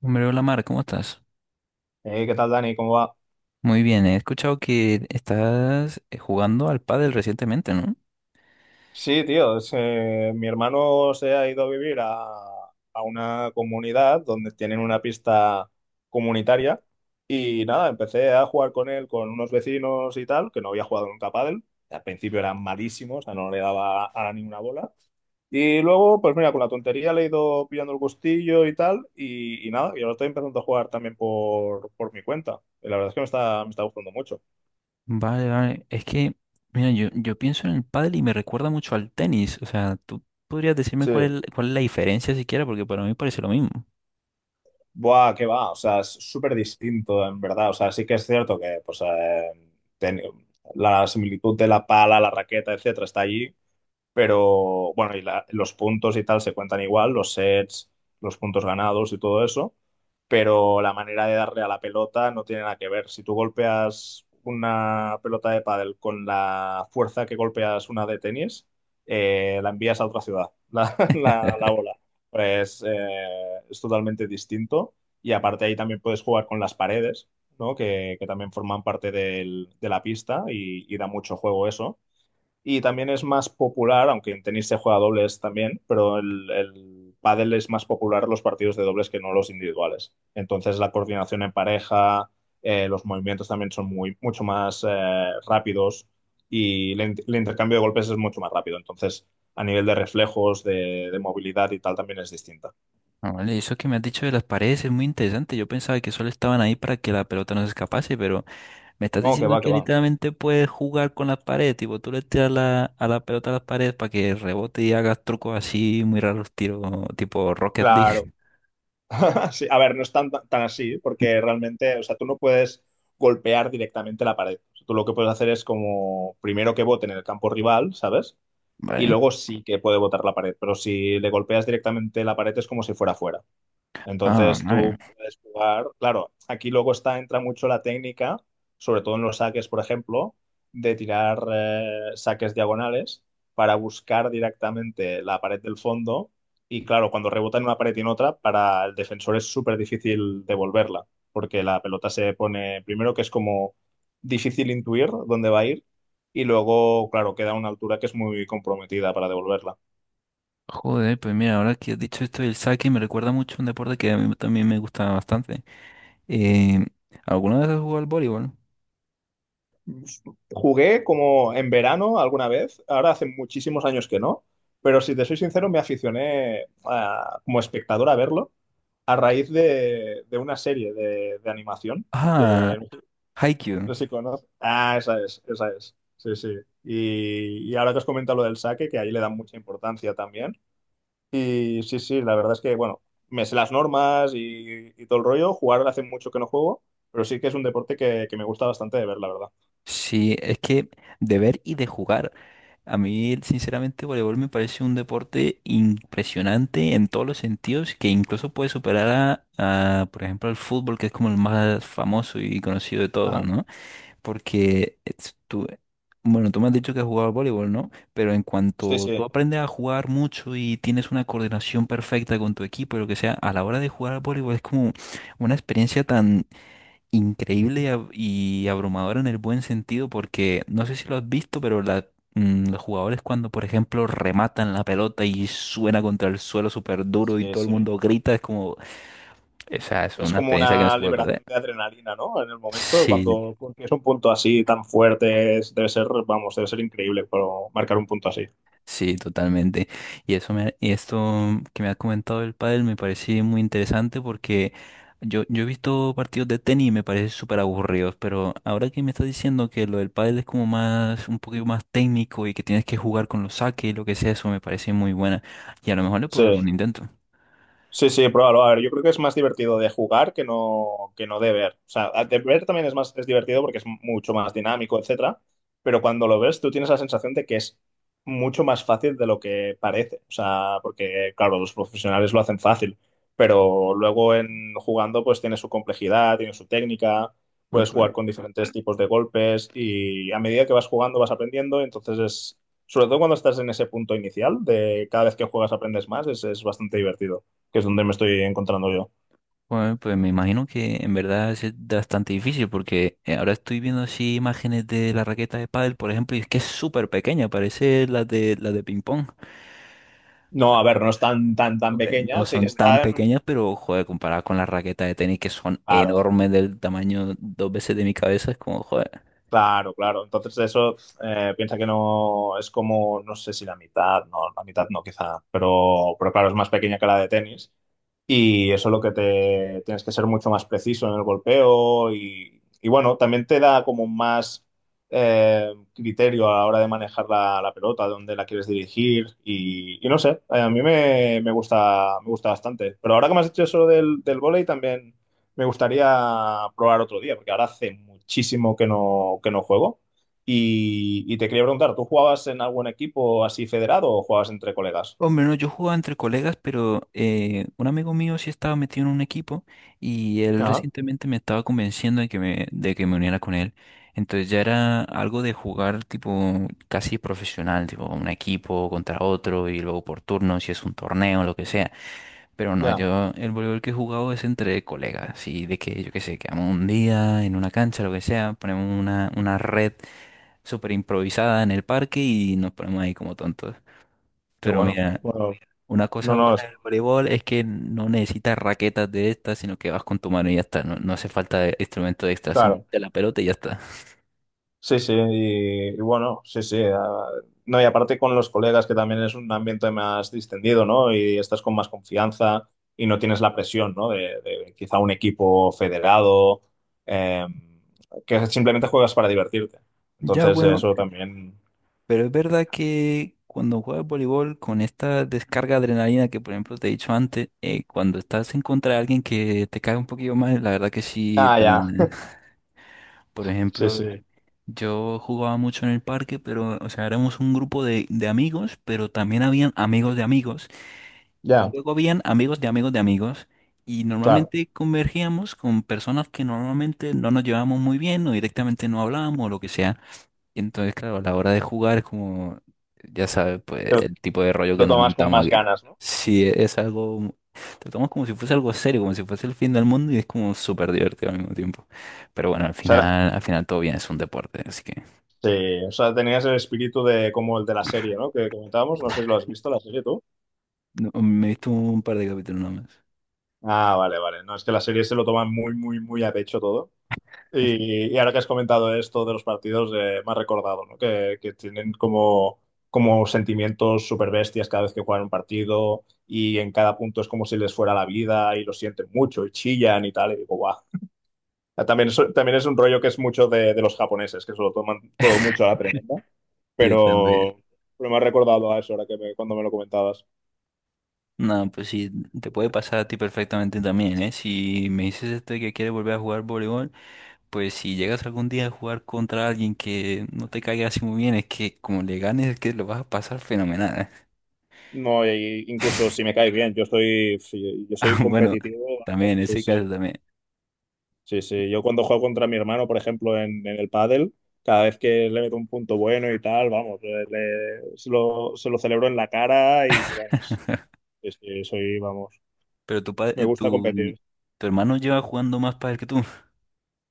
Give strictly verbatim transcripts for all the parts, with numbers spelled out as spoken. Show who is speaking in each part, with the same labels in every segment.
Speaker 1: Hombre, hola Mar, ¿cómo estás?
Speaker 2: Eh, ¿qué tal, Dani? ¿Cómo va?
Speaker 1: Muy bien, he escuchado que estás eh, jugando al pádel recientemente, ¿no?
Speaker 2: Sí, tío, es, eh, mi hermano se ha ido a vivir a, a una comunidad donde tienen una pista comunitaria y nada, empecé a jugar con él, con unos vecinos y tal, que no había jugado nunca a pádel. Al principio era malísimo, o sea, no le daba a ninguna bola. Y luego, pues mira, con la tontería le he ido pillando el gustillo y tal, y, y nada, y ahora estoy empezando a jugar también por, por mi cuenta. Y la verdad es que me está, me está gustando mucho.
Speaker 1: Vale, vale. Es que, mira, yo, yo pienso en el pádel y me recuerda mucho al tenis. O sea, ¿tú podrías decirme cuál es,
Speaker 2: Sí.
Speaker 1: la- cuál es la diferencia siquiera? Porque para mí parece lo mismo.
Speaker 2: Buah, qué va, o sea, es súper distinto, en verdad. O sea, sí que es cierto que pues, eh, ten- la similitud de la pala, la raqueta, etcétera, está allí, pero bueno, y la- los puntos y tal se cuentan igual, los sets, los puntos ganados y todo eso. Pero la manera de darle a la pelota no tiene nada que ver. Si tú golpeas una pelota de pádel con la fuerza que golpeas una de tenis, eh, la envías a otra ciudad, la, la- la bola. Pues eh, es totalmente distinto. Y aparte ahí también puedes jugar con las paredes, ¿no? Que, que también forman parte del- de la pista y y da mucho juego eso y también es más popular, aunque en tenis se juega a dobles también, pero el, el pádel es más popular los partidos de dobles que no los individuales. Entonces la coordinación en pareja, eh, los movimientos también son muy, mucho más eh, rápidos y el, in- el intercambio de golpes es mucho más rápido. Entonces a nivel de reflejos, de, de movilidad y tal también es distinta.
Speaker 1: Ah, vale, eso que me has dicho de las paredes es muy interesante. Yo pensaba que solo estaban ahí para que la pelota no se escapase, pero me estás
Speaker 2: No, que
Speaker 1: diciendo
Speaker 2: va,
Speaker 1: que
Speaker 2: que va.
Speaker 1: literalmente puedes jugar con las paredes, tipo, tú le tiras la, a la pelota a las paredes para que rebote y hagas trucos así muy raros, tiros tipo Rocket
Speaker 2: Claro.
Speaker 1: League.
Speaker 2: Sí, a ver, no es tan, tan así, porque realmente, o sea, tú no puedes golpear directamente la pared. Tú lo que puedes hacer es como primero que vote en el campo rival, ¿sabes? Y
Speaker 1: Vale.
Speaker 2: luego sí que puede votar la pared, pero si le golpeas directamente la pared es como si fuera fuera.
Speaker 1: Ah,
Speaker 2: Entonces tú
Speaker 1: vale.
Speaker 2: puedes jugar, claro, aquí luego está, entra mucho la técnica, sobre todo en los saques, por ejemplo, de tirar eh, saques diagonales para buscar directamente la pared del fondo y claro, cuando rebota en una pared y en otra, para el defensor es súper difícil devolverla, porque la pelota se pone, primero que es como difícil intuir dónde va a ir y luego, claro, queda a una altura que es muy comprometida para devolverla.
Speaker 1: Joder, pues mira, ahora que has dicho esto del saque, me recuerda mucho a un deporte que a mí también me gusta bastante. Eh, ¿Alguna vez has jugado al voleibol?
Speaker 2: Jugué como en verano alguna vez, ahora hace muchísimos años que no, pero si te soy sincero, me aficioné a- como espectador a verlo a raíz de, de una serie de, de animación
Speaker 1: Ah,
Speaker 2: que
Speaker 1: Haikyuu.
Speaker 2: no sé si conoces. Ah, esa es, esa es. Sí, sí. Y, y ahora que has comentado lo del saque, que ahí le dan mucha importancia también. Y sí, sí, la verdad es que, bueno, me sé las normas y, y todo el rollo. Jugar hace mucho que no juego, pero sí que es un deporte que, que me gusta bastante de ver, la verdad.
Speaker 1: Sí, es que de ver y de jugar. A mí, sinceramente, voleibol me parece un deporte impresionante en todos los sentidos, que incluso puede superar a, a, por ejemplo, al fútbol, que es como el más famoso y conocido de todos,
Speaker 2: Ajá.
Speaker 1: ¿no? Porque es- tú, bueno, tú me has dicho que has jugado al voleibol, ¿no? Pero en
Speaker 2: Sí,
Speaker 1: cuanto tú
Speaker 2: sí.
Speaker 1: aprendes a jugar mucho y tienes una coordinación perfecta con tu equipo y lo que sea, a la hora de jugar al voleibol es como una experiencia tan increíble y, ab- y abrumadora en el buen sentido porque no sé si lo has visto, pero la- mm, los jugadores cuando, por ejemplo, rematan la pelota y suena contra el suelo súper duro y
Speaker 2: Sí,
Speaker 1: todo el
Speaker 2: sí.
Speaker 1: mundo grita, es como, esa es
Speaker 2: Es
Speaker 1: una
Speaker 2: como
Speaker 1: experiencia que no
Speaker 2: una
Speaker 1: se puede perder.
Speaker 2: liberación de adrenalina, ¿no? En el momento,
Speaker 1: Sí,
Speaker 2: cuando consigues un punto así tan fuerte, es- debe ser, vamos, debe ser increíble pero marcar un punto así.
Speaker 1: sí, totalmente. Y eso me, y esto que me ha comentado el pádel me parece muy interesante porque yo, yo he visto partidos de tenis y me parecen súper aburridos, pero ahora que me estás diciendo que lo del pádel es como más, un poquito más técnico y que tienes que jugar con los saques y lo que sea, eso me parece muy buena. Y a lo mejor le puedo dar
Speaker 2: Sí.
Speaker 1: un intento.
Speaker 2: Sí, sí, pruébalo. A ver, yo creo que es más divertido de jugar que no, que no de ver. O sea, de ver también es más, es divertido porque es mucho más dinámico, etcétera. Pero cuando lo ves, tú tienes la sensación de que es mucho más fácil de lo que parece. O sea, porque, claro, los profesionales lo hacen fácil. Pero luego en jugando, pues tiene su complejidad, tiene su técnica,
Speaker 1: Bueno,
Speaker 2: puedes
Speaker 1: Pues,
Speaker 2: jugar con diferentes tipos de golpes y a medida que vas jugando vas aprendiendo. Entonces es, sobre todo cuando estás en ese punto inicial, de cada vez que juegas aprendes más, es es bastante divertido que es donde me estoy encontrando yo.
Speaker 1: pues- pues me imagino que en verdad es bastante difícil porque eh, ahora estoy viendo así imágenes de la raqueta de pádel, por ejemplo, y es que es súper pequeña, parece la de la de ping pong.
Speaker 2: No, a ver, no es tan, tan, tan
Speaker 1: Hombre,
Speaker 2: pequeña,
Speaker 1: no
Speaker 2: sí que
Speaker 1: son tan
Speaker 2: está en...
Speaker 1: pequeñas, pero joder, comparada con las raquetas de tenis que son
Speaker 2: Claro,
Speaker 1: enormes del tamaño dos veces de mi cabeza, es como joder.
Speaker 2: claro, claro. Entonces eso eh, piensa que no es como, no sé si la mitad, no, la mitad no quizá, pero, pero claro, es más pequeña que la de tenis. Y eso es lo que te tienes que ser mucho más preciso en el golpeo y, y bueno, también te da como más eh, criterio a la hora de manejar la, la pelota, dónde la quieres dirigir y, y no sé, eh, a mí me, me gusta, me gusta bastante. Pero ahora que me has dicho eso del, del vóley también me gustaría probar otro día, porque ahora hace muchísimo que no, que no juego. Y, y te quería preguntar, ¿tú jugabas en algún equipo así federado o jugabas entre colegas?
Speaker 1: Hombre, no, yo jugaba entre colegas, pero eh, un amigo mío sí estaba metido en un equipo y él
Speaker 2: Ajá,
Speaker 1: recientemente me estaba convenciendo de que me, de que me uniera con él. Entonces ya era algo de jugar tipo casi profesional, tipo un equipo contra otro y luego por turno, si es un torneo, lo que sea. Pero no,
Speaker 2: ya,
Speaker 1: yo el voleibol que he jugado es entre colegas, y de que yo qué sé, quedamos un día en una cancha, lo que sea, ponemos una, una red súper improvisada en el parque y nos ponemos ahí como tontos.
Speaker 2: qué
Speaker 1: Pero
Speaker 2: bueno.
Speaker 1: mira,
Speaker 2: Bueno,
Speaker 1: una cosa
Speaker 2: no, no,
Speaker 1: buena
Speaker 2: es-
Speaker 1: del voleibol es que no necesitas raquetas de estas, sino que vas con tu mano y ya está. No, no hace falta de- instrumento extra,
Speaker 2: claro.
Speaker 1: simplemente la pelota y ya está.
Speaker 2: Sí, sí, y, y bueno, sí, sí. Ah, no, y aparte con los colegas, que también es un ambiente más distendido, ¿no? Y estás con más confianza y no tienes la presión, ¿no? De, de quizá un equipo federado, eh, que simplemente juegas para divertirte.
Speaker 1: Ya,
Speaker 2: Entonces,
Speaker 1: bueno,
Speaker 2: eso también.
Speaker 1: pero es verdad que cuando juegas voleibol con esta descarga de adrenalina que, por ejemplo, te he dicho antes, eh, cuando estás en contra de alguien que te cae un poquillo mal, la verdad que sí.
Speaker 2: Ah,
Speaker 1: da-
Speaker 2: ya.
Speaker 1: Por
Speaker 2: Sí,
Speaker 1: ejemplo,
Speaker 2: sí.
Speaker 1: yo jugaba mucho en el parque, pero, o sea, éramos un grupo de, de amigos, pero también habían amigos de amigos. Y
Speaker 2: Ya,
Speaker 1: luego habían amigos de amigos de amigos y
Speaker 2: claro.
Speaker 1: normalmente convergíamos con personas que normalmente no nos llevábamos muy bien o directamente no hablábamos o lo que sea. Y entonces, claro, a la hora de jugar es como, ya sabes, pues
Speaker 2: Pero
Speaker 1: el tipo de rollo que
Speaker 2: lo
Speaker 1: nos
Speaker 2: tomas con
Speaker 1: montamos
Speaker 2: más
Speaker 1: aquí.
Speaker 2: ganas, ¿no? O
Speaker 1: Sí, e- es algo, tratamos como si fuese algo serio, como si fuese el fin del mundo y es como súper divertido al mismo tiempo. Pero bueno, al
Speaker 2: sea, era-
Speaker 1: final, al final todo bien, es un deporte, así que.
Speaker 2: sí, o sea, tenías el espíritu de como el de la serie, ¿no? Que comentábamos, no sé si lo has visto, la serie tú.
Speaker 1: No, me he visto un par de capítulos nomás.
Speaker 2: Ah, vale, vale. No, es que las series se lo toman muy, muy, muy a pecho todo. Y, y ahora que has comentado esto de los partidos, eh, me has recordado, ¿no? Que, que tienen como, como sentimientos súper bestias cada vez que juegan un partido y en cada punto es como si les fuera la vida y lo sienten mucho y chillan y tal. Y digo, guau. También es, también es un rollo que es mucho de, de los japoneses, que se lo toman todo mucho a la tremenda.
Speaker 1: Sí, también.
Speaker 2: Pero, pero me has recordado a eso ahora que me- cuando me lo comentabas.
Speaker 1: No, pues sí, te puede pasar a ti perfectamente también, ¿eh? Si me dices esto de que quieres volver a jugar voleibol, pues si llegas algún día a jugar contra alguien que no te caiga así muy bien, es que como le ganes, es que lo vas a pasar fenomenal, ¿eh?
Speaker 2: No, y incluso si me caes bien, yo estoy, si, yo soy
Speaker 1: Bueno,
Speaker 2: competitivo.
Speaker 1: también,
Speaker 2: Vamos,
Speaker 1: en
Speaker 2: sí,
Speaker 1: ese caso
Speaker 2: sí,
Speaker 1: también.
Speaker 2: sí, sí. Yo cuando juego contra mi hermano, por ejemplo, en, en el pádel, cada vez que le meto un punto bueno y tal, vamos, eh, le- se lo, se lo celebro en la cara y vamos, es que soy, vamos,
Speaker 1: Pero tu, pa-
Speaker 2: me
Speaker 1: eh,
Speaker 2: gusta
Speaker 1: tu,
Speaker 2: competir.
Speaker 1: tu hermano lleva jugando más pádel que tú.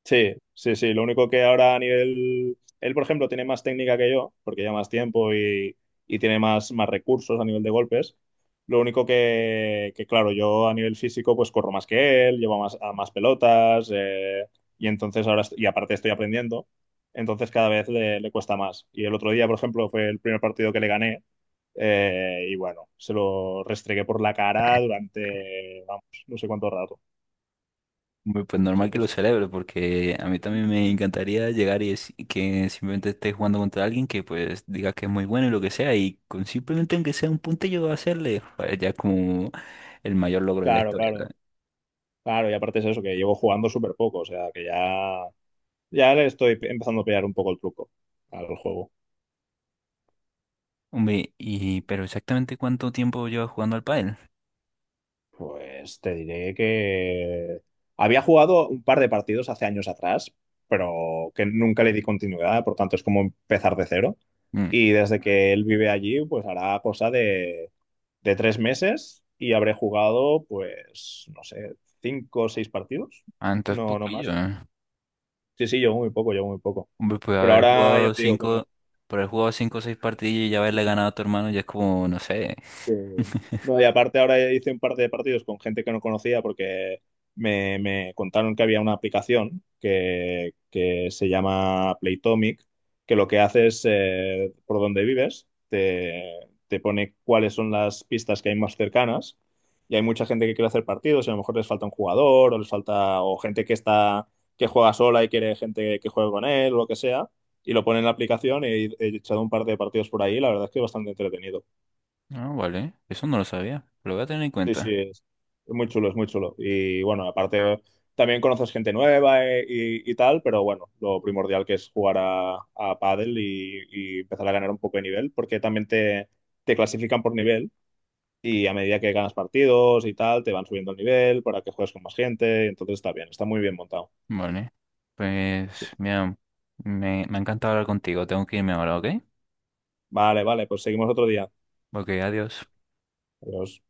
Speaker 2: Sí, sí, sí. Lo único que ahora a nivel... Él, por ejemplo, tiene más técnica que yo, porque lleva más tiempo y, y tiene más, más, recursos a nivel de golpes. Lo único que, que, claro, yo a nivel físico pues corro más que él, llevo más, a más pelotas eh, y entonces ahora, est- y aparte estoy aprendiendo, entonces cada vez le, le cuesta más. Y el otro día, por ejemplo, fue el primer partido que le gané, eh, y bueno, se lo restregué por la cara durante, vamos, no sé cuánto rato.
Speaker 1: Hombre, pues
Speaker 2: Sí,
Speaker 1: normal que lo
Speaker 2: sí.
Speaker 1: celebre, porque a mí también me encantaría llegar y es- que simplemente esté jugando contra alguien que pues diga que es muy bueno y lo que sea, y con simplemente aunque sea un puntillo hacerle, pues ya es como el mayor logro de la
Speaker 2: Claro,
Speaker 1: historia,
Speaker 2: claro.
Speaker 1: ¿sabes?
Speaker 2: Claro, y aparte es eso, que llevo jugando súper poco, o sea, que ya, ya le estoy empezando a pillar un poco el truco al juego.
Speaker 1: Hombre, ¿y pero exactamente cuánto tiempo llevas jugando al pádel?
Speaker 2: Pues te diré que había jugado un par de partidos hace años atrás, pero que nunca le di continuidad, por tanto es como empezar de cero.
Speaker 1: Mm.
Speaker 2: Y desde que él vive allí, pues hará cosa de, de tres meses y habré jugado, pues, no sé, cinco o seis partidos.
Speaker 1: Ah, entonces
Speaker 2: No, no
Speaker 1: poquillo,
Speaker 2: más.
Speaker 1: ¿eh?
Speaker 2: Sí, sí, llevo muy poco, llevo muy poco.
Speaker 1: Hombre, pues
Speaker 2: Pero
Speaker 1: haber
Speaker 2: ahora ya
Speaker 1: jugado
Speaker 2: te digo, como
Speaker 1: cinco, por haber jugado cinco o seis partidos y ya haberle ganado a tu hermano ya es como, no sé.
Speaker 2: Eh, no, y aparte ahora hice un par de partidos con gente que no conocía porque me, me contaron que había una aplicación que, que se llama Playtomic, que lo que hace es, eh, por donde vives, te, te pone cuáles son las pistas que hay más cercanas. Y hay mucha gente que quiere hacer partidos y a lo mejor les falta un jugador o les falta o gente que está que juega sola y quiere gente que juegue con él o lo que sea y lo pone en la aplicación y he echado un par de partidos por ahí. La verdad es que es bastante entretenido.
Speaker 1: Ah, vale, eso no lo sabía, lo voy a tener en
Speaker 2: Sí,
Speaker 1: cuenta.
Speaker 2: sí, es es muy chulo, es muy chulo. Y bueno, aparte también conoces gente nueva eh, y, y tal, pero bueno, lo primordial que es jugar a, a pádel y, y empezar a ganar un poco de nivel, porque también te, te clasifican por nivel y a medida que ganas partidos y tal, te van subiendo el nivel para que juegues con más gente, entonces está bien, está muy bien montado.
Speaker 1: Vale. Pues,
Speaker 2: Sí.
Speaker 1: mira, me, me ha encantado hablar contigo. Tengo que irme ahora, ¿ok?
Speaker 2: Vale, vale, pues seguimos otro día.
Speaker 1: Ok, adiós.
Speaker 2: Adiós.